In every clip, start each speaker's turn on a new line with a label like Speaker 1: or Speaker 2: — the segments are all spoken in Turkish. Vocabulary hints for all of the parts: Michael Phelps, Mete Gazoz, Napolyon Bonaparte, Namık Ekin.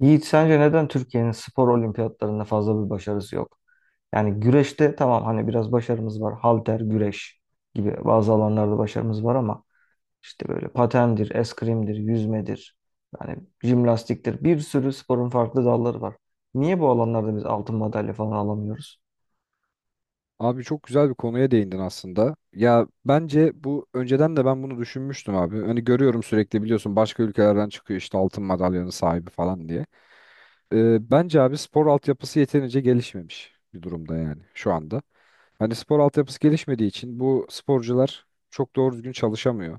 Speaker 1: Yiğit sence neden Türkiye'nin spor olimpiyatlarında fazla bir başarısı yok? Yani güreşte tamam hani biraz başarımız var. Halter, güreş gibi bazı alanlarda başarımız var ama işte böyle patendir, eskrimdir, yüzmedir, yani jimnastiktir. Bir sürü sporun farklı dalları var. Niye bu alanlarda biz altın madalya falan alamıyoruz?
Speaker 2: Abi çok güzel bir konuya değindin aslında. Ya bence bu önceden de ben bunu düşünmüştüm abi. Hani görüyorum sürekli biliyorsun başka ülkelerden çıkıyor işte altın madalyanın sahibi falan diye. Bence abi spor altyapısı yeterince gelişmemiş bir durumda yani şu anda. Hani spor altyapısı gelişmediği için bu sporcular çok doğru düzgün çalışamıyor.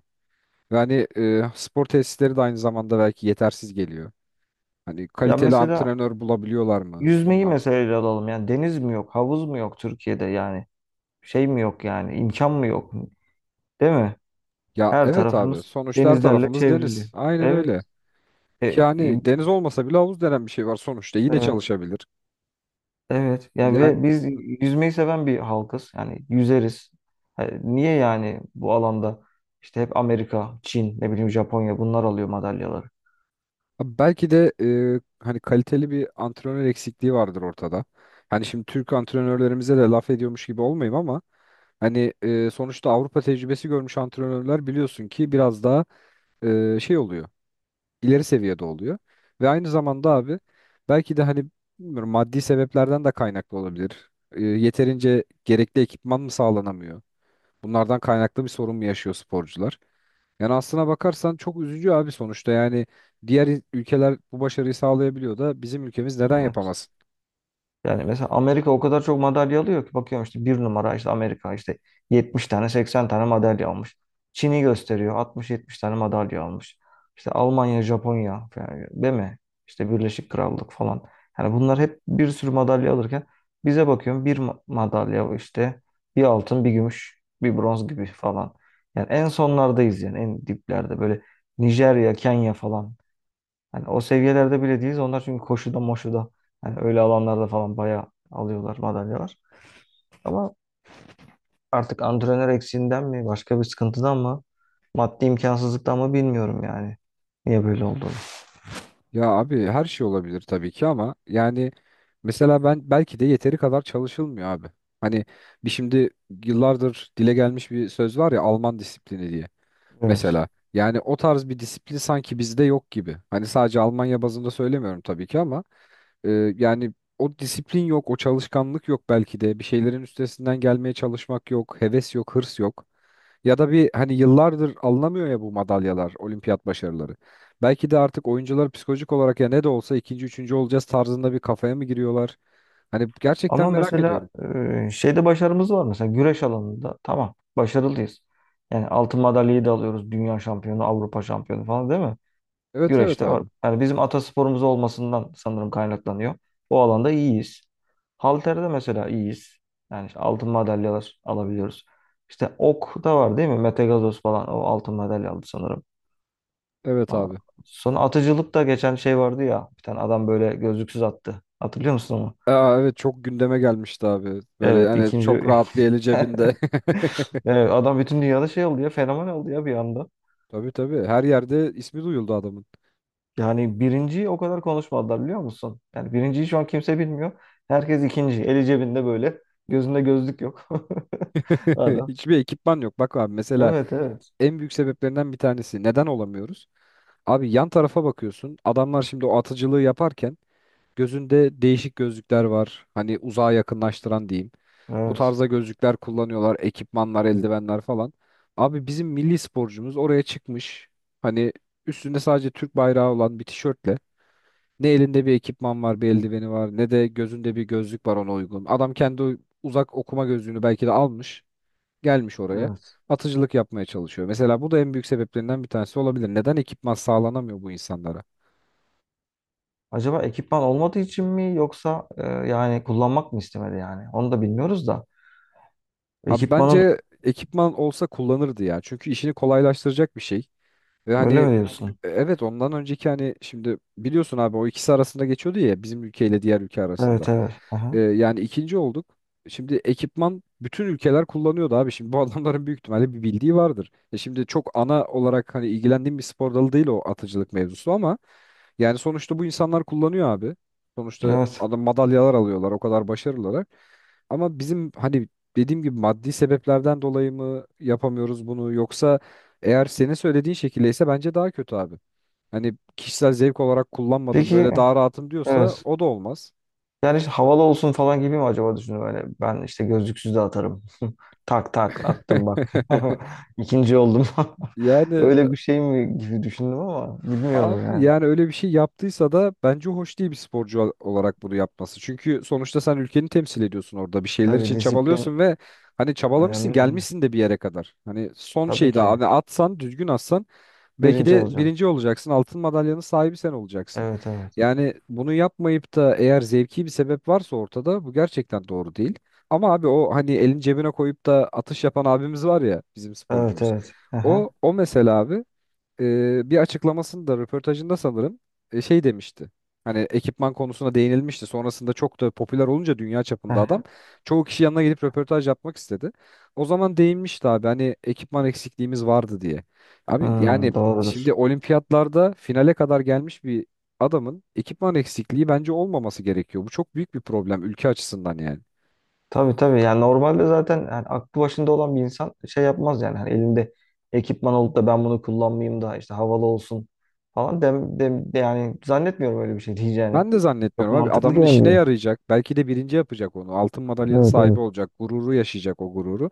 Speaker 2: Yani spor tesisleri de aynı zamanda belki yetersiz geliyor. Hani
Speaker 1: Ya
Speaker 2: kaliteli
Speaker 1: mesela
Speaker 2: antrenör bulabiliyorlar mı
Speaker 1: yüzmeyi
Speaker 2: onlar?
Speaker 1: mesela ele alalım. Yani deniz mi yok, havuz mu yok Türkiye'de yani? Şey mi yok yani, imkan mı yok? Değil mi?
Speaker 2: Ya
Speaker 1: Her
Speaker 2: evet abi
Speaker 1: tarafımız
Speaker 2: sonuçta her
Speaker 1: denizlerle
Speaker 2: tarafımız
Speaker 1: çevrili.
Speaker 2: deniz. Aynen öyle.
Speaker 1: Evet. E, e,
Speaker 2: Yani deniz olmasa bile havuz denen bir şey var sonuçta. Yine
Speaker 1: evet,
Speaker 2: çalışabilir.
Speaker 1: evet. Ya
Speaker 2: Yani.
Speaker 1: ve biz
Speaker 2: Hı.
Speaker 1: yüzmeyi seven bir halkız. Yani yüzeriz. Ha, niye yani bu alanda işte hep Amerika, Çin, ne bileyim Japonya bunlar alıyor madalyaları?
Speaker 2: Belki de hani kaliteli bir antrenör eksikliği vardır ortada. Hani şimdi Türk antrenörlerimize de laf ediyormuş gibi olmayayım ama hani sonuçta Avrupa tecrübesi görmüş antrenörler biliyorsun ki biraz daha şey oluyor, ileri seviyede oluyor. Ve aynı zamanda abi belki de hani bilmiyorum maddi sebeplerden de kaynaklı olabilir. Yeterince gerekli ekipman mı sağlanamıyor? Bunlardan kaynaklı bir sorun mu yaşıyor sporcular? Yani aslına bakarsan çok üzücü abi sonuçta. Yani diğer ülkeler bu başarıyı sağlayabiliyor da bizim ülkemiz neden
Speaker 1: Evet.
Speaker 2: yapamasın?
Speaker 1: Yani mesela Amerika o kadar çok madalya alıyor ki bakıyorum işte bir numara işte Amerika işte 70 tane 80 tane madalya almış. Çin'i gösteriyor 60-70 tane madalya almış. İşte Almanya, Japonya yani değil mi? İşte Birleşik Krallık falan. Yani bunlar hep bir sürü madalya alırken bize bakıyorum bir madalya işte bir altın bir gümüş bir bronz gibi falan. Yani en sonlardayız yani en diplerde böyle Nijerya, Kenya falan. Yani o seviyelerde bile değiliz. Onlar çünkü koşuda moşuda yani öyle alanlarda falan bayağı alıyorlar madalyalar. Ama artık antrenör eksiğinden mi başka bir sıkıntıdan mı maddi imkansızlıktan mı bilmiyorum yani. Niye böyle olduğunu.
Speaker 2: Ya abi her şey olabilir tabii ki ama yani mesela ben belki de yeteri kadar çalışılmıyor abi. Hani şimdi yıllardır dile gelmiş bir söz var ya Alman disiplini diye.
Speaker 1: Evet.
Speaker 2: Mesela yani o tarz bir disiplin sanki bizde yok gibi. Hani sadece Almanya bazında söylemiyorum tabii ki ama e, yani o disiplin yok, o çalışkanlık yok belki de. Bir şeylerin üstesinden gelmeye çalışmak yok, heves yok, hırs yok. Ya da bir hani yıllardır alınamıyor ya bu madalyalar, olimpiyat başarıları. Belki de artık oyuncular psikolojik olarak ya ne de olsa ikinci, üçüncü olacağız tarzında bir kafaya mı giriyorlar? Hani gerçekten
Speaker 1: Ama
Speaker 2: merak ediyorum.
Speaker 1: mesela şeyde başarımız var mesela güreş alanında tamam başarılıyız. Yani altın madalyayı da alıyoruz. Dünya şampiyonu, Avrupa şampiyonu falan değil mi?
Speaker 2: Evet evet
Speaker 1: Güreşte var.
Speaker 2: abi.
Speaker 1: Yani bizim atasporumuz olmasından sanırım kaynaklanıyor. O alanda iyiyiz. Halterde mesela iyiyiz. Yani işte altın madalyalar alabiliyoruz. İşte ok da var değil mi? Mete Gazoz falan o altın madalya aldı sanırım.
Speaker 2: Evet
Speaker 1: Aa,
Speaker 2: abi.
Speaker 1: sonra atıcılıkta geçen şey vardı ya. Bir tane adam böyle gözlüksüz attı. Hatırlıyor musun onu?
Speaker 2: Aa, evet çok gündeme gelmişti abi. Böyle
Speaker 1: Evet
Speaker 2: hani çok
Speaker 1: ikinci.
Speaker 2: rahat bir eli cebinde.
Speaker 1: Evet, adam bütün dünyada şey oldu ya. Fenomen oldu ya bir anda.
Speaker 2: Tabii tabii her yerde ismi duyuldu adamın.
Speaker 1: Yani birinciyi o kadar konuşmadılar biliyor musun? Yani birinciyi şu an kimse bilmiyor. Herkes ikinci. Eli cebinde böyle. Gözünde gözlük yok. Adam.
Speaker 2: Hiçbir ekipman yok. Bak abi mesela
Speaker 1: Evet evet.
Speaker 2: en büyük sebeplerinden bir tanesi neden olamıyoruz? Abi yan tarafa bakıyorsun. Adamlar şimdi o atıcılığı yaparken gözünde değişik gözlükler var. Hani uzağa yakınlaştıran diyeyim. Bu
Speaker 1: Evet.
Speaker 2: tarzda gözlükler kullanıyorlar, ekipmanlar, eldivenler falan. Abi bizim milli sporcumuz oraya çıkmış. Hani üstünde sadece Türk bayrağı olan bir tişörtle. Ne elinde bir ekipman var, bir eldiveni var, ne de gözünde bir gözlük var ona uygun. Adam kendi uzak okuma gözlüğünü belki de almış, gelmiş oraya.
Speaker 1: Evet.
Speaker 2: Atıcılık yapmaya çalışıyor. Mesela bu da en büyük sebeplerinden bir tanesi olabilir. Neden ekipman sağlanamıyor bu insanlara?
Speaker 1: Acaba ekipman olmadığı için mi yoksa yani kullanmak mı istemedi yani? Onu da bilmiyoruz da.
Speaker 2: Abi
Speaker 1: Ekipmanın
Speaker 2: bence ekipman olsa kullanırdı ya. Çünkü işini kolaylaştıracak bir şey. Ve hani
Speaker 1: böyle mi diyorsun?
Speaker 2: evet ondan önceki hani şimdi biliyorsun abi o ikisi arasında geçiyordu ya bizim ülkeyle diğer ülke arasında.
Speaker 1: Evet evet.
Speaker 2: Ee,
Speaker 1: Aha.
Speaker 2: yani ikinci olduk. Şimdi ekipman bütün ülkeler kullanıyordu abi. Şimdi bu adamların büyük ihtimalle bir bildiği vardır. Şimdi çok ana olarak hani ilgilendiğim bir spor dalı değil o atıcılık mevzusu ama yani sonuçta bu insanlar kullanıyor abi. Sonuçta
Speaker 1: Evet.
Speaker 2: adam madalyalar alıyorlar o kadar başarılılar. Ama bizim hani dediğim gibi maddi sebeplerden dolayı mı yapamıyoruz bunu yoksa eğer senin söylediğin şekildeyse bence daha kötü abi. Hani kişisel zevk olarak kullanmadım
Speaker 1: Peki
Speaker 2: böyle daha rahatım diyorsa
Speaker 1: evet.
Speaker 2: o da olmaz.
Speaker 1: Yani işte havalı olsun falan gibi mi acaba düşündüm öyle. Ben işte gözlüksüz de atarım. Tak tak attım bak. İkinci oldum.
Speaker 2: Yani
Speaker 1: Öyle bir şey mi gibi düşündüm ama bilmiyorum
Speaker 2: abi
Speaker 1: yani.
Speaker 2: yani öyle bir şey yaptıysa da bence hoş değil bir sporcu olarak bunu yapması. Çünkü sonuçta sen ülkeni temsil ediyorsun orada. Bir şeyler
Speaker 1: Tabii
Speaker 2: için
Speaker 1: disiplin
Speaker 2: çabalıyorsun ve hani çabalamışsın,
Speaker 1: önemli yani.
Speaker 2: gelmişsin de bir yere kadar. Hani son
Speaker 1: Tabii
Speaker 2: şeyde
Speaker 1: ki.
Speaker 2: hani atsan, düzgün atsan belki
Speaker 1: Birinci
Speaker 2: de
Speaker 1: olacağım.
Speaker 2: birinci olacaksın. Altın madalyanın sahibi sen olacaksın.
Speaker 1: Evet evet.
Speaker 2: Yani bunu yapmayıp da eğer zevki bir sebep varsa ortada bu gerçekten doğru değil. Ama abi o hani elin cebine koyup da atış yapan abimiz var ya bizim
Speaker 1: Evet
Speaker 2: sporcumuz.
Speaker 1: evet.
Speaker 2: O
Speaker 1: Aha,
Speaker 2: o mesela abi bir açıklamasında röportajında sanırım şey demişti. Hani ekipman konusuna değinilmişti. Sonrasında çok da popüler olunca dünya çapında adam
Speaker 1: aha.
Speaker 2: çoğu kişi yanına gelip röportaj yapmak istedi. O zaman değinmişti abi hani ekipman eksikliğimiz vardı diye. Abi
Speaker 1: Hmm,
Speaker 2: yani şimdi
Speaker 1: doğrudur.
Speaker 2: olimpiyatlarda finale kadar gelmiş bir adamın ekipman eksikliği bence olmaması gerekiyor. Bu çok büyük bir problem ülke açısından yani.
Speaker 1: Tabii tabii yani normalde zaten yani aklı başında olan bir insan şey yapmaz yani hani elinde ekipman olup da ben bunu kullanmayayım da işte havalı olsun falan de yani zannetmiyorum öyle bir şey diyeceğini.
Speaker 2: Ben de
Speaker 1: Çok
Speaker 2: zannetmiyorum abi.
Speaker 1: mantıklı
Speaker 2: Adamın işine
Speaker 1: gelmiyor.
Speaker 2: yarayacak. Belki de birinci yapacak onu. Altın madalyanın
Speaker 1: Evet
Speaker 2: sahibi
Speaker 1: evet.
Speaker 2: olacak. Gururu yaşayacak o gururu.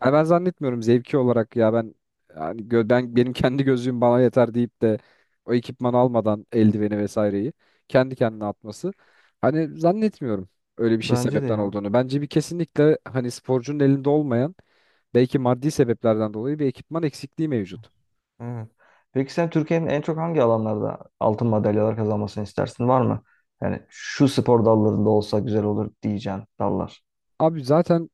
Speaker 2: Hani ben zannetmiyorum zevki olarak ya ben yani ben benim kendi gözlüğüm bana yeter deyip de o ekipmanı almadan eldiveni vesaireyi kendi kendine atması. Hani zannetmiyorum öyle bir şey
Speaker 1: Bence de
Speaker 2: sebepten
Speaker 1: ya.
Speaker 2: olduğunu. Bence kesinlikle hani sporcunun elinde olmayan belki maddi sebeplerden dolayı bir ekipman eksikliği mevcut.
Speaker 1: Evet. Peki sen Türkiye'nin en çok hangi alanlarda altın madalyalar kazanmasını istersin var mı? Yani şu spor dallarında olsa güzel olur diyeceğin dallar.
Speaker 2: Abi zaten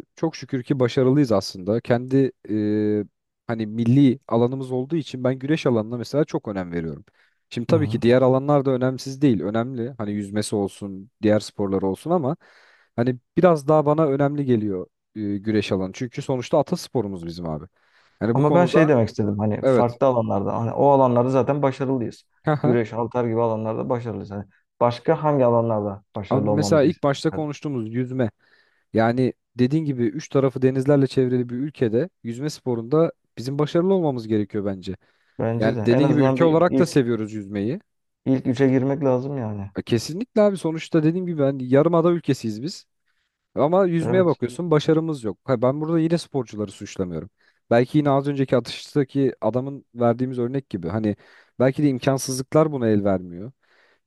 Speaker 2: çok şükür ki başarılıyız aslında. Kendi hani milli alanımız olduğu için ben güreş alanına mesela çok önem veriyorum. Şimdi
Speaker 1: Hı
Speaker 2: tabii ki
Speaker 1: hı.
Speaker 2: diğer alanlar da önemsiz değil. Önemli. Hani yüzmesi olsun, diğer sporlar olsun ama hani biraz daha bana önemli geliyor güreş alanı. Çünkü sonuçta atasporumuz bizim abi. Yani bu
Speaker 1: Ama ben şey
Speaker 2: konuda
Speaker 1: demek istedim hani
Speaker 2: evet.
Speaker 1: farklı alanlarda hani o alanlarda zaten başarılıyız.
Speaker 2: Hı hı.
Speaker 1: Güreş, halter gibi alanlarda başarılıyız. Hani başka hangi alanlarda
Speaker 2: Abi
Speaker 1: başarılı
Speaker 2: mesela
Speaker 1: olmamızı
Speaker 2: ilk başta
Speaker 1: istedim?
Speaker 2: konuştuğumuz yüzme. Yani dediğin gibi üç tarafı denizlerle çevrili bir ülkede yüzme sporunda bizim başarılı olmamız gerekiyor bence.
Speaker 1: Bence
Speaker 2: Yani
Speaker 1: de en
Speaker 2: dediğin gibi
Speaker 1: azından
Speaker 2: ülke
Speaker 1: bir
Speaker 2: olarak da
Speaker 1: ilk
Speaker 2: seviyoruz yüzmeyi.
Speaker 1: ilk üçe girmek lazım yani.
Speaker 2: Kesinlikle abi sonuçta dediğim gibi yarımada ülkesiyiz biz. Ama yüzmeye
Speaker 1: Evet.
Speaker 2: bakıyorsun başarımız yok. Ha, ben burada yine sporcuları suçlamıyorum. Belki yine az önceki atıştaki adamın verdiğimiz örnek gibi. Hani belki de imkansızlıklar buna el vermiyor.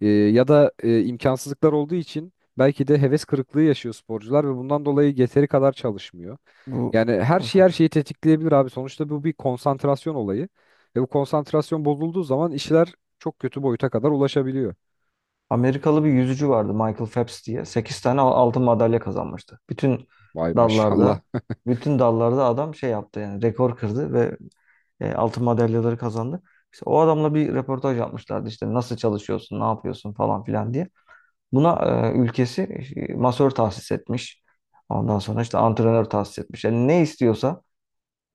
Speaker 2: Ya da imkansızlıklar olduğu için belki de heves kırıklığı yaşıyor sporcular ve bundan dolayı yeteri kadar çalışmıyor.
Speaker 1: Bu
Speaker 2: Yani her şey her
Speaker 1: evet.
Speaker 2: şeyi tetikleyebilir abi. Sonuçta bu bir konsantrasyon olayı. Ve bu konsantrasyon bozulduğu zaman işler çok kötü boyuta kadar ulaşabiliyor.
Speaker 1: Amerikalı bir yüzücü vardı Michael Phelps diye. 8 tane altın madalya kazanmıştı. Bütün
Speaker 2: Vay
Speaker 1: dallarda,
Speaker 2: maşallah.
Speaker 1: bütün dallarda adam şey yaptı yani rekor kırdı ve altın madalyaları kazandı. İşte o adamla bir röportaj yapmışlardı işte nasıl çalışıyorsun, ne yapıyorsun falan filan diye. Buna ülkesi masör tahsis etmiş. Ondan sonra işte antrenör tahsis etmiş. Yani ne istiyorsa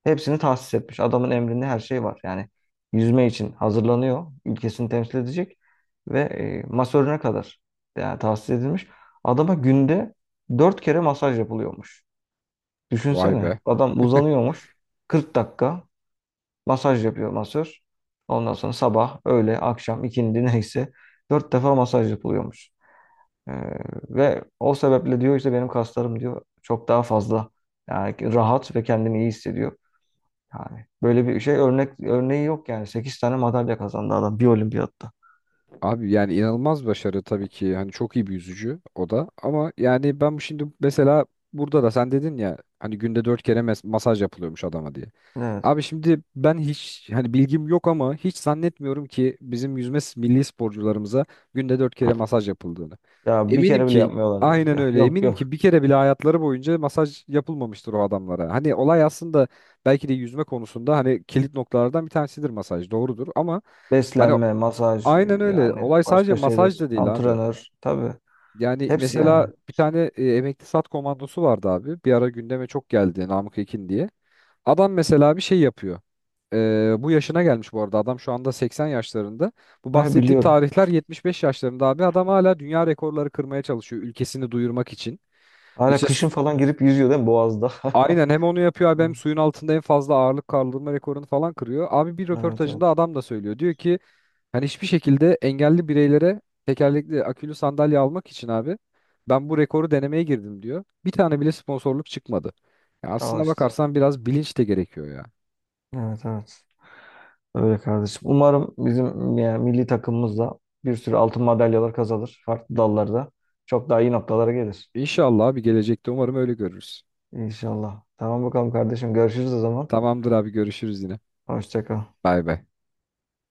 Speaker 1: hepsini tahsis etmiş. Adamın emrinde her şey var. Yani yüzme için hazırlanıyor. Ülkesini temsil edecek. Ve masörüne kadar yani tahsis edilmiş. Adama günde 4 kere masaj yapılıyormuş.
Speaker 2: Vay be.
Speaker 1: Düşünsene. Adam uzanıyormuş. 40 dakika masaj yapıyor masör. Ondan sonra sabah, öğle, akşam, ikindi neyse 4 defa masaj yapılıyormuş. E, ve o sebeple diyor işte benim kaslarım diyor çok daha fazla yani rahat ve kendini iyi hissediyor. Yani böyle bir şey örneği yok yani. 8 tane madalya kazandı adam bir olimpiyatta.
Speaker 2: Abi yani inanılmaz başarı tabii ki. Hani çok iyi bir yüzücü o da. Ama yani ben bu şimdi mesela burada da sen dedin ya hani günde dört kere masaj yapılıyormuş adama diye.
Speaker 1: Evet.
Speaker 2: Abi şimdi ben hiç hani bilgim yok ama hiç zannetmiyorum ki bizim yüzme milli sporcularımıza günde dört kere masaj yapıldığını.
Speaker 1: Ya bir
Speaker 2: Eminim
Speaker 1: kere bile
Speaker 2: ki
Speaker 1: yapmıyorlardır.
Speaker 2: aynen
Speaker 1: Ya,
Speaker 2: öyle
Speaker 1: yok
Speaker 2: eminim
Speaker 1: yok.
Speaker 2: ki bir kere bile hayatları boyunca masaj yapılmamıştır o adamlara. Hani olay aslında belki de yüzme konusunda hani kilit noktalardan bir tanesidir masaj doğrudur ama hani
Speaker 1: Beslenme, masaj
Speaker 2: aynen öyle
Speaker 1: yani
Speaker 2: olay sadece
Speaker 1: başka şeyler.
Speaker 2: masaj da değil abi.
Speaker 1: Antrenör tabii.
Speaker 2: Yani
Speaker 1: Hepsi yani.
Speaker 2: mesela bir tane emekli sat komandosu vardı abi. Bir ara gündeme çok geldi Namık Ekin diye. Adam mesela bir şey yapıyor. Bu yaşına gelmiş bu arada. Adam şu anda 80 yaşlarında. Bu
Speaker 1: Ha,
Speaker 2: bahsettiğim
Speaker 1: biliyorum.
Speaker 2: tarihler 75 yaşlarında abi. Adam hala dünya rekorları kırmaya çalışıyor ülkesini duyurmak için.
Speaker 1: Hala
Speaker 2: İşte
Speaker 1: kışın falan girip yüzüyor değil mi Boğaz'da?
Speaker 2: aynen hem onu yapıyor abi hem suyun altında en fazla ağırlık kaldırma rekorunu falan kırıyor. Abi bir
Speaker 1: Evet
Speaker 2: röportajında
Speaker 1: evet.
Speaker 2: adam da söylüyor. Diyor ki hani hiçbir şekilde engelli bireylere tekerlekli akülü sandalye almak için abi ben bu rekoru denemeye girdim diyor. Bir tane bile sponsorluk çıkmadı. Ya
Speaker 1: Al
Speaker 2: aslına
Speaker 1: işte.
Speaker 2: bakarsan biraz bilinç de gerekiyor ya.
Speaker 1: Evet evet. Öyle kardeşim. Umarım bizim yani milli takımımız da bir sürü altın madalyalar kazanır. Farklı dallarda. Çok daha iyi noktalara gelir.
Speaker 2: İnşallah bir gelecekte umarım öyle görürüz.
Speaker 1: İnşallah. Tamam bakalım kardeşim. Görüşürüz o zaman.
Speaker 2: Tamamdır abi görüşürüz yine.
Speaker 1: Hoşça kal.
Speaker 2: Bay bay.